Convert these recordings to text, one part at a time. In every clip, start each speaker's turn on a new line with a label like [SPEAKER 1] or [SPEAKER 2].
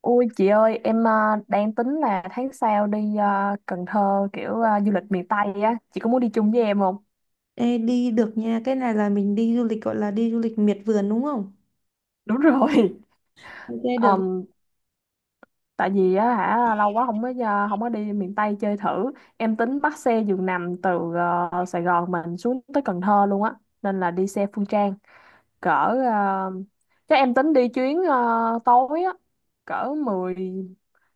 [SPEAKER 1] Ôi chị ơi, em à, đang tính là tháng sau đi à, Cần Thơ kiểu à, du lịch miền Tây á, chị có muốn đi chung với em không?
[SPEAKER 2] Ê, đi được nha. Cái này là mình đi du lịch gọi là đi du lịch miệt vườn đúng không?
[SPEAKER 1] Đúng rồi.
[SPEAKER 2] Ok được.
[SPEAKER 1] Ờm, Tại vì á hả lâu quá không có đi miền Tây chơi thử. Em tính bắt xe giường nằm từ à, Sài Gòn mình xuống tới Cần Thơ luôn á, nên là đi xe Phương Trang cỡ à, chắc em tính đi chuyến à, tối á, cỡ 10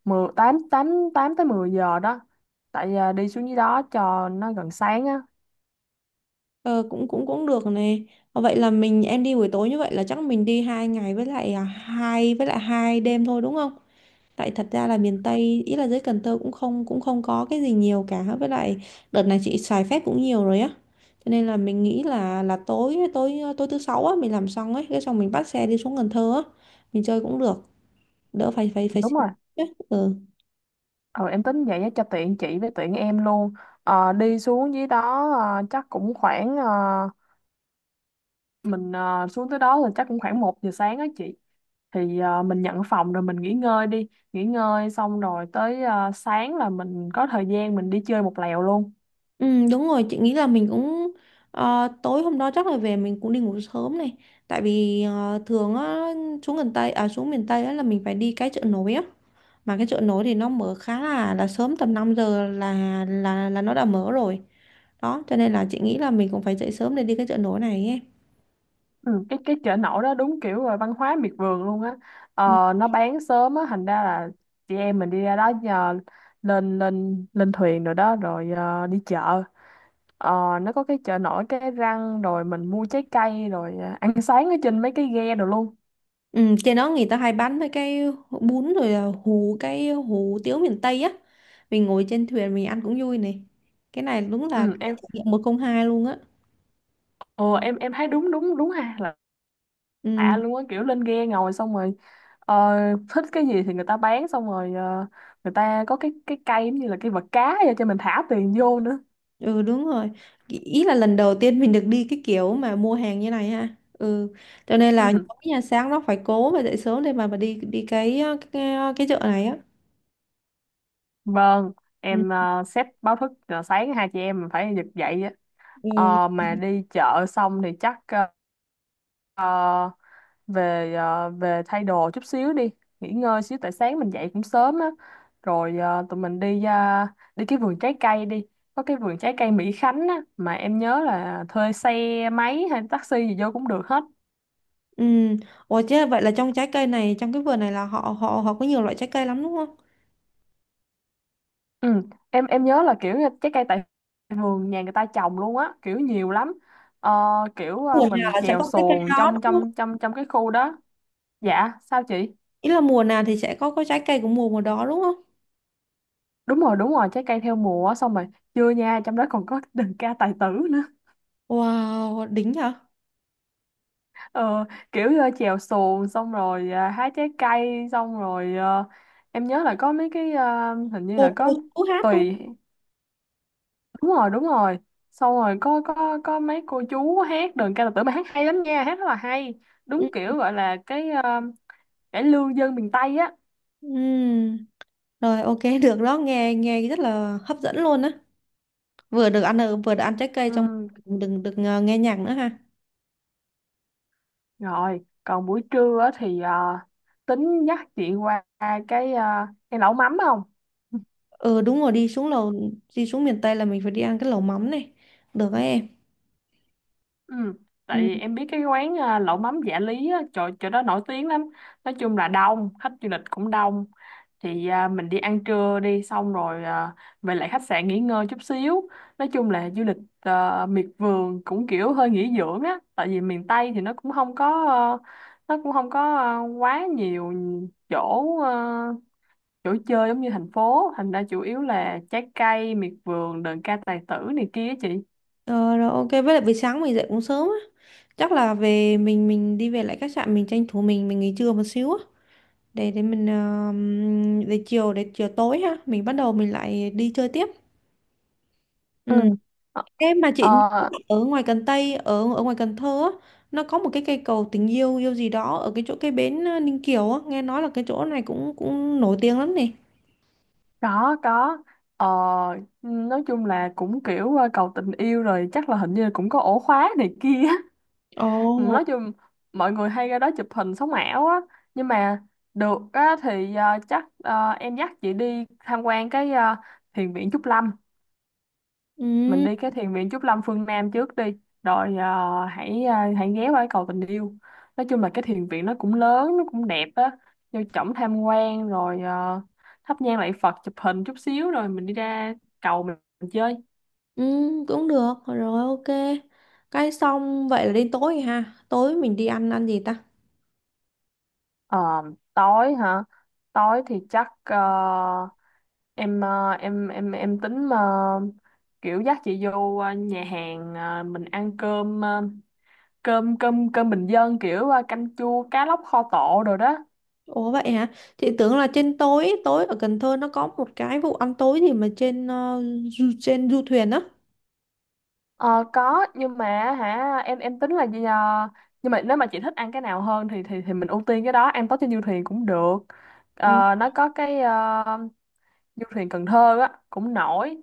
[SPEAKER 1] 10 8 8 8 tới 10 giờ đó. Tại à, đi xuống dưới đó cho nó gần sáng á.
[SPEAKER 2] Ờ, cũng cũng cũng được này. Vậy là mình em đi buổi tối như vậy là chắc mình đi 2 ngày với lại 2 đêm thôi đúng không? Tại thật ra là miền Tây ý là dưới Cần Thơ cũng không có cái gì nhiều cả, với lại đợt này chị xài phép cũng nhiều rồi á. Cho nên là mình nghĩ là tối tối tối thứ sáu á mình làm xong ấy, cái xong mình bắt xe đi xuống Cần Thơ á, mình chơi cũng được, đỡ phải phải phải suy
[SPEAKER 1] Đúng rồi.
[SPEAKER 2] nghĩ ấy. Ừ.
[SPEAKER 1] Ừ, em tính vậy á, cho tiện chị với tiện em luôn. Đi xuống dưới đó chắc cũng khoảng mình xuống tới đó là chắc cũng khoảng 1 giờ sáng á chị, thì mình nhận phòng rồi mình nghỉ ngơi đi nghỉ ngơi xong rồi tới sáng là mình có thời gian mình đi chơi một lèo luôn.
[SPEAKER 2] Ừ, đúng rồi, chị nghĩ là mình cũng tối hôm đó chắc là về mình cũng đi ngủ sớm này, tại vì thường á xuống miền Tây á là mình phải đi cái chợ nổi á. Mà cái chợ nổi thì nó mở khá là sớm, tầm 5 giờ là nó đã mở rồi đó, cho nên là chị nghĩ là mình cũng phải dậy sớm để đi cái chợ nổi này ấy.
[SPEAKER 1] Ừ, cái chợ nổi đó đúng kiểu là văn hóa miệt vườn luôn á.
[SPEAKER 2] Ừ.
[SPEAKER 1] Nó bán sớm á thành ra là chị em mình đi ra đó giờ lên lên lên thuyền rồi đó rồi đi chợ. Ờ, nó có cái chợ nổi cái răng rồi mình mua trái cây rồi à, ăn sáng ở trên mấy cái ghe rồi luôn.
[SPEAKER 2] Ừ, trên đó người ta hay bán mấy cái bún rồi là hủ tiếu miền Tây á, mình ngồi trên thuyền mình ăn cũng vui này. Cái này đúng là cái
[SPEAKER 1] Ừ, em
[SPEAKER 2] trải nghiệm một không hai luôn á.
[SPEAKER 1] ờ, em em thấy đúng đúng đúng ha, là
[SPEAKER 2] Ừ.
[SPEAKER 1] lạ luôn á kiểu lên ghe ngồi xong rồi ờ, thích cái gì thì người ta bán xong rồi người ta có cái cây giống như là cái vật cá vậy cho mình thả tiền vô nữa.
[SPEAKER 2] Ừ, đúng rồi. Ý ý là lần đầu tiên mình được đi cái kiểu mà mua hàng như này ha. Ừ. Cho nên là
[SPEAKER 1] Ừ.
[SPEAKER 2] nhóm nhà sáng nó phải cố và dậy sớm để mà đi đi cái chợ này á.
[SPEAKER 1] Vâng,
[SPEAKER 2] Ừ.
[SPEAKER 1] em set báo thức là sáng hai chị em mình phải giật dậy á.
[SPEAKER 2] Ừ.
[SPEAKER 1] Mà đi chợ xong thì chắc uh, về, về thay đồ chút xíu đi nghỉ ngơi xíu tại sáng mình dậy cũng sớm á, rồi tụi mình đi cái vườn trái cây đi, có cái vườn trái cây Mỹ Khánh á mà em nhớ là thuê xe máy hay taxi gì vô cũng được hết.
[SPEAKER 2] Ừ. Ủa chứ vậy là trong trái cây này, trong cái vườn này là họ họ họ có nhiều loại trái cây lắm đúng không?
[SPEAKER 1] Ừ. em nhớ là kiểu như trái cây tại vườn nhà người ta trồng luôn á kiểu nhiều lắm. Ờ, Kiểu
[SPEAKER 2] Mùa nào
[SPEAKER 1] mình
[SPEAKER 2] là sẽ
[SPEAKER 1] chèo
[SPEAKER 2] có trái cây
[SPEAKER 1] xuồng
[SPEAKER 2] đó
[SPEAKER 1] trong
[SPEAKER 2] đúng không?
[SPEAKER 1] trong trong trong cái khu đó. Dạ sao chị?
[SPEAKER 2] Ý là mùa nào thì sẽ có trái cây của mùa mùa đó đúng không?
[SPEAKER 1] Đúng rồi đúng rồi, trái cây theo mùa á, xong rồi chưa nha, trong đó còn có đờn ca tài tử nữa.
[SPEAKER 2] Wow, đỉnh hả?
[SPEAKER 1] Ờ, Kiểu chèo xuồng xong rồi à, hái trái cây xong rồi em nhớ là có mấy cái hình như là
[SPEAKER 2] Cô
[SPEAKER 1] có
[SPEAKER 2] cô chú hát đúng
[SPEAKER 1] tùy. Đúng rồi đúng rồi, xong rồi có mấy cô chú hát đờn ca tài tử mà hát hay lắm nha, hát rất là hay,
[SPEAKER 2] không?
[SPEAKER 1] đúng
[SPEAKER 2] Ừ.
[SPEAKER 1] kiểu gọi là cái cải lương dân miền Tây á.
[SPEAKER 2] Ừ. Rồi, ok được đó, nghe nghe rất là hấp dẫn luôn á. Vừa được vừa được ăn trái cây xong,
[SPEAKER 1] Ừ,
[SPEAKER 2] đừng được nghe nhạc nữa ha.
[SPEAKER 1] rồi còn buổi trưa á thì tính dắt chị qua cái lẩu mắm không?
[SPEAKER 2] Ừ, đúng rồi, đi xuống lầu, đi xuống miền Tây là mình phải đi ăn cái lẩu mắm này, được đấy em.
[SPEAKER 1] Ừ. Tại
[SPEAKER 2] Ừ.
[SPEAKER 1] vì em biết cái quán à, lẩu mắm Dạ Lý á, chỗ đó nổi tiếng lắm, nói chung là đông, khách du lịch cũng đông, thì à, mình đi ăn trưa đi, xong rồi à, về lại khách sạn nghỉ ngơi chút xíu. Nói chung là du lịch à, miệt vườn cũng kiểu hơi nghỉ dưỡng á, tại vì miền Tây thì nó cũng không có ờ, nó cũng không có ờ, quá nhiều chỗ chỗ chơi giống như thành phố, thành ra chủ yếu là trái cây miệt vườn, đờn ca tài tử này kia á chị.
[SPEAKER 2] ờ, rồi ok, với lại buổi sáng mình dậy cũng sớm á, chắc là về mình đi về lại khách sạn, mình tranh thủ mình nghỉ trưa một xíu á, để mình để chiều tối ha mình bắt đầu mình lại đi chơi tiếp. Ừ.
[SPEAKER 1] Ừ.
[SPEAKER 2] Em mà chị,
[SPEAKER 1] Ờ,
[SPEAKER 2] ở ngoài Cần Tây ở ở ngoài Cần Thơ á, nó có một cái cây cầu tình yêu yêu gì đó ở cái chỗ cái bến Ninh Kiều á, nghe nói là cái chỗ này cũng cũng nổi tiếng lắm nè.
[SPEAKER 1] Có, có. Ờ, nói chung là cũng kiểu cầu tình yêu rồi chắc là hình như là cũng có ổ khóa này kia.
[SPEAKER 2] Ồ.
[SPEAKER 1] Nói chung mọi người hay ra đó chụp hình sống ảo á. Nhưng mà được á, thì chắc em dắt chị đi tham quan cái thiền viện Trúc Lâm, mình
[SPEAKER 2] Ừ,
[SPEAKER 1] đi cái thiền viện Trúc Lâm phương Nam trước đi rồi hãy ghé qua cái cầu tình yêu. Nói chung là cái thiền viện nó cũng lớn nó cũng đẹp á, vô trỏng tham quan rồi thắp nhang lạy Phật chụp hình chút xíu rồi mình đi ra cầu mình chơi.
[SPEAKER 2] ừ, cũng được. Rồi ok. Cái xong vậy là đến tối rồi ha. Tối mình đi ăn ăn gì ta?
[SPEAKER 1] Ờ, Tối hả? Tối thì chắc em tính kiểu dắt chị vô nhà hàng mình ăn cơm cơm bình dân kiểu canh chua cá lóc kho tộ rồi đó.
[SPEAKER 2] Ủa vậy hả? Chị tưởng là trên tối tối ở Cần Thơ nó có một cái vụ ăn tối gì mà trên trên du thuyền á.
[SPEAKER 1] Ờ, có nhưng mà hả, em tính là gì nhờ? Nhưng mà nếu mà chị thích ăn cái nào hơn thì mình ưu tiên cái đó, ăn tối trên du thuyền cũng được.
[SPEAKER 2] Ừ.
[SPEAKER 1] Nó có cái du thuyền Cần Thơ á cũng nổi,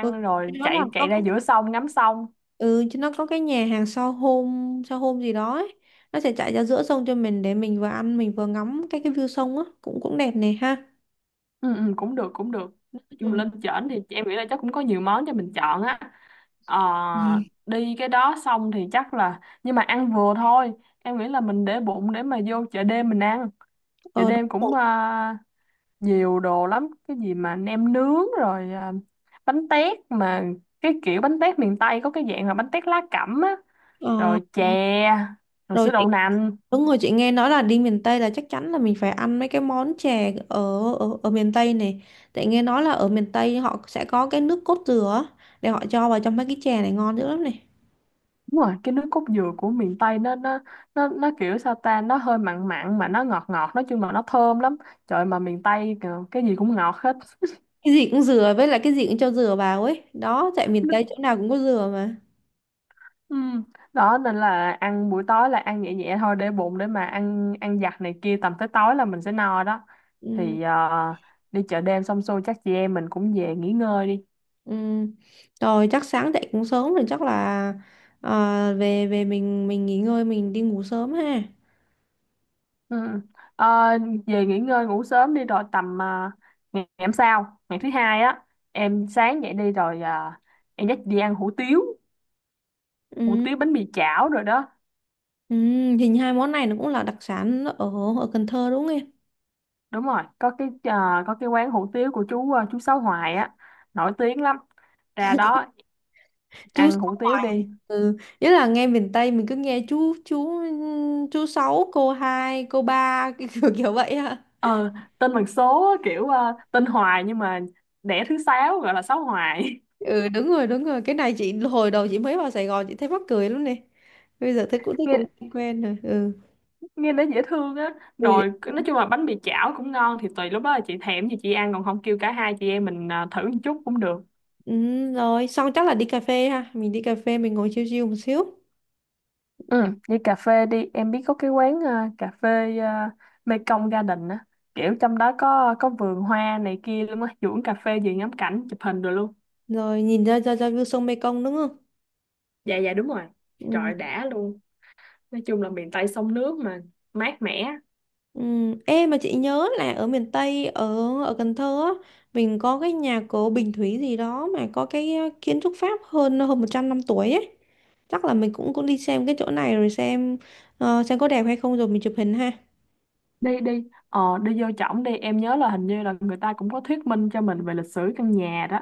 [SPEAKER 2] Ừ, cái
[SPEAKER 1] rồi
[SPEAKER 2] đó là
[SPEAKER 1] chạy
[SPEAKER 2] có.
[SPEAKER 1] chạy ra giữa sông ngắm sông.
[SPEAKER 2] Ừ, chứ nó có cái nhà hàng sao hôm gì đó ấy. Nó sẽ chạy ra giữa sông cho mình, để mình vừa ăn mình vừa ngắm cái view sông á, cũng cũng đẹp này ha.
[SPEAKER 1] Ừ, ừ, cũng được cũng được, nói chung
[SPEAKER 2] Ừ.
[SPEAKER 1] lên trển thì em nghĩ là chắc cũng có nhiều món cho mình chọn á. Ờ,
[SPEAKER 2] Ừ.
[SPEAKER 1] Đi cái đó xong thì chắc là, nhưng mà ăn vừa thôi, em nghĩ là mình để bụng để mà vô chợ đêm mình ăn. Chợ
[SPEAKER 2] Ờ, đúng
[SPEAKER 1] đêm cũng
[SPEAKER 2] rồi.
[SPEAKER 1] nhiều đồ lắm, cái gì mà nem nướng rồi à, bánh tét mà cái kiểu bánh tét miền Tây có cái dạng là bánh tét lá cẩm á,
[SPEAKER 2] Ờ,
[SPEAKER 1] rồi chè, rồi
[SPEAKER 2] rồi
[SPEAKER 1] sữa
[SPEAKER 2] chị
[SPEAKER 1] đậu nành.
[SPEAKER 2] Đúng rồi, chị nghe nói là đi miền Tây là chắc chắn là mình phải ăn mấy cái món chè ở ở, ở miền Tây này. Tại nghe nói là ở miền Tây họ sẽ có cái nước cốt dừa á, để họ cho vào trong mấy cái chè này ngon dữ lắm này.
[SPEAKER 1] Đúng rồi, cái nước cốt dừa của miền Tây nó kiểu sao ta, nó hơi mặn mặn mà nó ngọt ngọt, nói chung là nó thơm lắm. Trời mà miền Tây kìa, cái gì cũng ngọt hết.
[SPEAKER 2] Cái gì cũng dừa, với lại cái gì cũng cho dừa vào ấy. Đó, tại miền Tây chỗ nào cũng có dừa mà.
[SPEAKER 1] Ừ. Đó nên là ăn buổi tối là ăn nhẹ nhẹ thôi để bụng để mà ăn ăn giặt này kia, tầm tới tối là mình sẽ no đó.
[SPEAKER 2] Ừ.
[SPEAKER 1] Thì đi chợ đêm xong xuôi chắc chị em mình cũng về nghỉ ngơi đi.
[SPEAKER 2] Ừ. Rồi chắc sáng dậy cũng sớm, rồi chắc là về về mình nghỉ ngơi, mình đi ngủ sớm ha.
[SPEAKER 1] Ừ. Ờ, Về nghỉ ngơi ngủ sớm đi, rồi tầm ngày ngày hôm sau, ngày thứ hai á, em sáng dậy đi rồi em dắt đi ăn hủ tiếu, hủ
[SPEAKER 2] Ừ.
[SPEAKER 1] tiếu bánh mì chảo rồi đó.
[SPEAKER 2] Ừ. Hình hai món này nó cũng là đặc sản ở ở Cần Thơ đúng không em?
[SPEAKER 1] Đúng rồi, có cái có cái quán hủ tiếu của chú chú Sáu Hoài á, nổi tiếng lắm, ra đó
[SPEAKER 2] Chú
[SPEAKER 1] ăn hủ
[SPEAKER 2] Sáu.
[SPEAKER 1] tiếu đi.
[SPEAKER 2] Ừ. Nhất là nghe miền Tây mình cứ nghe chú sáu cô hai cô ba cái kiểu kiểu vậy ha.
[SPEAKER 1] ờ Tên bằng số á, kiểu tên Hoài nhưng mà đẻ thứ sáu gọi là Sáu Hoài.
[SPEAKER 2] Ừ, đúng rồi, đúng rồi, cái này chị hồi đầu chị mới vào Sài Gòn chị thấy mắc cười lắm nè. Bây giờ thấy cũng quen rồi. Ừ.
[SPEAKER 1] Nghe nó dễ thương á, rồi
[SPEAKER 2] Ừ.
[SPEAKER 1] nói chung là bánh mì chảo cũng ngon, thì tùy lúc đó là chị thèm gì chị ăn, còn không kêu cả hai chị em mình à, thử một chút cũng được.
[SPEAKER 2] Ừ, rồi xong chắc là đi cà phê ha, mình đi cà phê mình ngồi chill chill một xíu,
[SPEAKER 1] Ừ. Đi cà phê đi, em biết có cái quán à, cà phê à, Mekong Garden á, kiểu trong đó có vườn hoa này kia luôn á, duỗi cà phê gì, ngắm cảnh chụp hình rồi luôn.
[SPEAKER 2] rồi nhìn ra ra ra view sông Mekong đúng không.
[SPEAKER 1] Dạ dạ, đúng rồi, trời
[SPEAKER 2] Ừ.
[SPEAKER 1] đã luôn, nói chung là miền Tây sông nước mà, mát mẻ.
[SPEAKER 2] Ừ. Ê, mà chị nhớ là ở miền Tây, ở ở Cần Thơ á, mình có cái nhà cổ Bình Thủy gì đó, mà có cái kiến trúc Pháp hơn hơn 100 năm tuổi ấy, chắc là mình cũng cũng đi xem cái chỗ này, rồi xem xem có đẹp hay không rồi mình chụp hình ha.
[SPEAKER 1] Đi đi ờ đi vô trỏng đi, em nhớ là hình như là người ta cũng có thuyết minh cho mình về lịch sử căn nhà đó,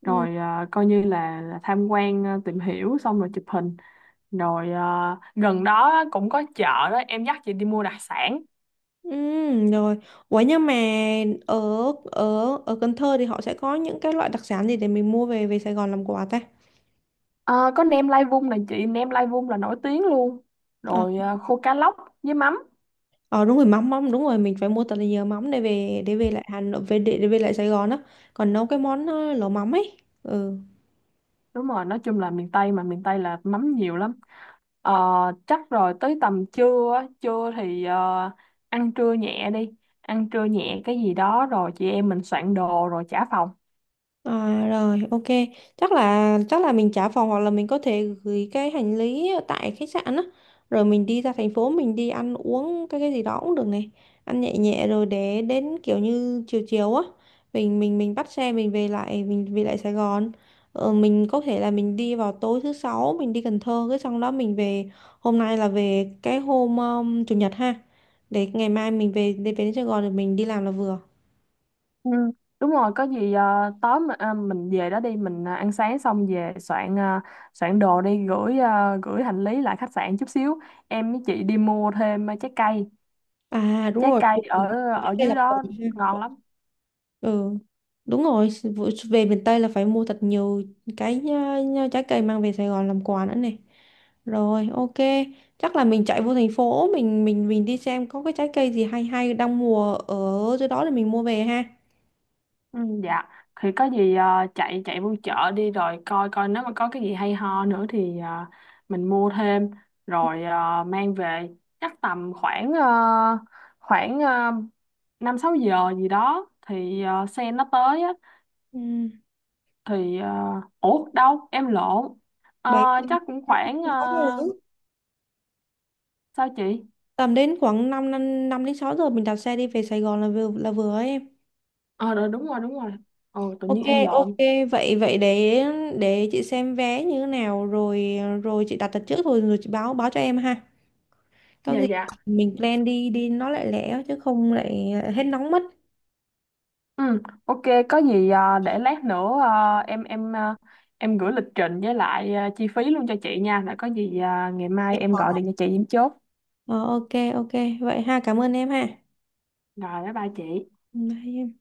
[SPEAKER 2] Ừ.
[SPEAKER 1] rồi à, coi như là, tham quan à, tìm hiểu xong rồi chụp hình, rồi à, gần đó á, cũng có chợ đó, em dắt chị đi mua đặc sản.
[SPEAKER 2] Ừ, rồi ủa nhưng mà ở ở ở Cần Thơ thì họ sẽ có những cái loại đặc sản gì để mình mua về về Sài Gòn làm quà ta?
[SPEAKER 1] Ờ, có nem lai vung này chị, nem lai vung là nổi tiếng luôn,
[SPEAKER 2] Ờ,
[SPEAKER 1] rồi à, khô cá lóc với mắm.
[SPEAKER 2] ờ, đúng rồi, mắm mắm đúng rồi, mình phải mua thật là nhiều mắm để về lại Hà Nội để về lại Sài Gòn á, còn nấu cái món lẩu mắm ấy. Ừ.
[SPEAKER 1] Đúng rồi, nói chung là miền Tây mà, miền Tây là mắm nhiều lắm. Ờ, Chắc rồi tới tầm trưa á, trưa thì ăn trưa nhẹ đi, ăn trưa nhẹ cái gì đó rồi chị em mình soạn đồ rồi trả phòng.
[SPEAKER 2] À, rồi ok, chắc là mình trả phòng hoặc là mình có thể gửi cái hành lý ở tại khách sạn á, rồi mình đi ra thành phố mình đi ăn uống cái gì đó cũng được này, ăn nhẹ nhẹ rồi để đến kiểu như chiều chiều á, mình bắt xe mình về lại Sài Gòn. Mình có thể là mình đi vào tối thứ sáu mình đi Cần Thơ, cái xong đó mình về, hôm nay là về cái hôm chủ nhật ha, để ngày mai mình về để về đến Sài Gòn rồi mình đi làm là vừa.
[SPEAKER 1] Ừ, đúng rồi, có gì tối mà, à, mình về đó đi mình à, ăn sáng xong về soạn, à, soạn đồ đi gửi, à, gửi hành lý lại khách sạn chút xíu, em với chị đi mua thêm à, trái cây,
[SPEAKER 2] À, đúng
[SPEAKER 1] trái
[SPEAKER 2] rồi,
[SPEAKER 1] cây
[SPEAKER 2] về miền
[SPEAKER 1] ở
[SPEAKER 2] Tây trước
[SPEAKER 1] ở
[SPEAKER 2] đây là
[SPEAKER 1] dưới
[SPEAKER 2] còn
[SPEAKER 1] đó
[SPEAKER 2] ha.
[SPEAKER 1] ngon lắm.
[SPEAKER 2] Ừ, đúng rồi, về miền Tây là phải mua thật nhiều cái trái cây mang về Sài Gòn làm quà nữa này. Rồi, ok. Chắc là mình chạy vô thành phố mình đi xem có cái trái cây gì hay hay đang mùa ở dưới đó để mình mua về ha.
[SPEAKER 1] Ừ, dạ, thì có gì à, chạy chạy vô chợ đi rồi coi coi nếu mà có cái gì hay ho nữa thì à, mình mua thêm, rồi à, mang về. Chắc tầm khoảng khoảng ờ, 5-6 giờ gì đó thì xe nó tới á,
[SPEAKER 2] Ừ.
[SPEAKER 1] thì ủa đâu em lộn. Ờ,
[SPEAKER 2] Bảy
[SPEAKER 1] Chắc cũng khoảng sao chị?
[SPEAKER 2] Tầm đến khoảng 5 năm năm đến 6 giờ mình đạp xe đi về Sài Gòn là vừa ấy em.
[SPEAKER 1] Ờ rồi đúng rồi đúng rồi, ồ tự
[SPEAKER 2] Ok,
[SPEAKER 1] nhiên em
[SPEAKER 2] ok,
[SPEAKER 1] lộn.
[SPEAKER 2] vậy vậy để chị xem vé như thế nào rồi rồi chị đặt đặt trước rồi rồi chị báo báo cho em ha. Có
[SPEAKER 1] Dạ
[SPEAKER 2] gì
[SPEAKER 1] dạ.
[SPEAKER 2] mình plan đi đi nó lại lẻ chứ không lại hết nóng mất.
[SPEAKER 1] Ừ ok, có gì để lát nữa em gửi lịch trình với lại chi phí luôn cho chị nha, rồi có gì ngày mai em gọi điện cho chị em chốt.
[SPEAKER 2] Ờ, ok, ok vậy ha, cảm ơn em ha.
[SPEAKER 1] Rồi, bye bye chị.
[SPEAKER 2] Bye em.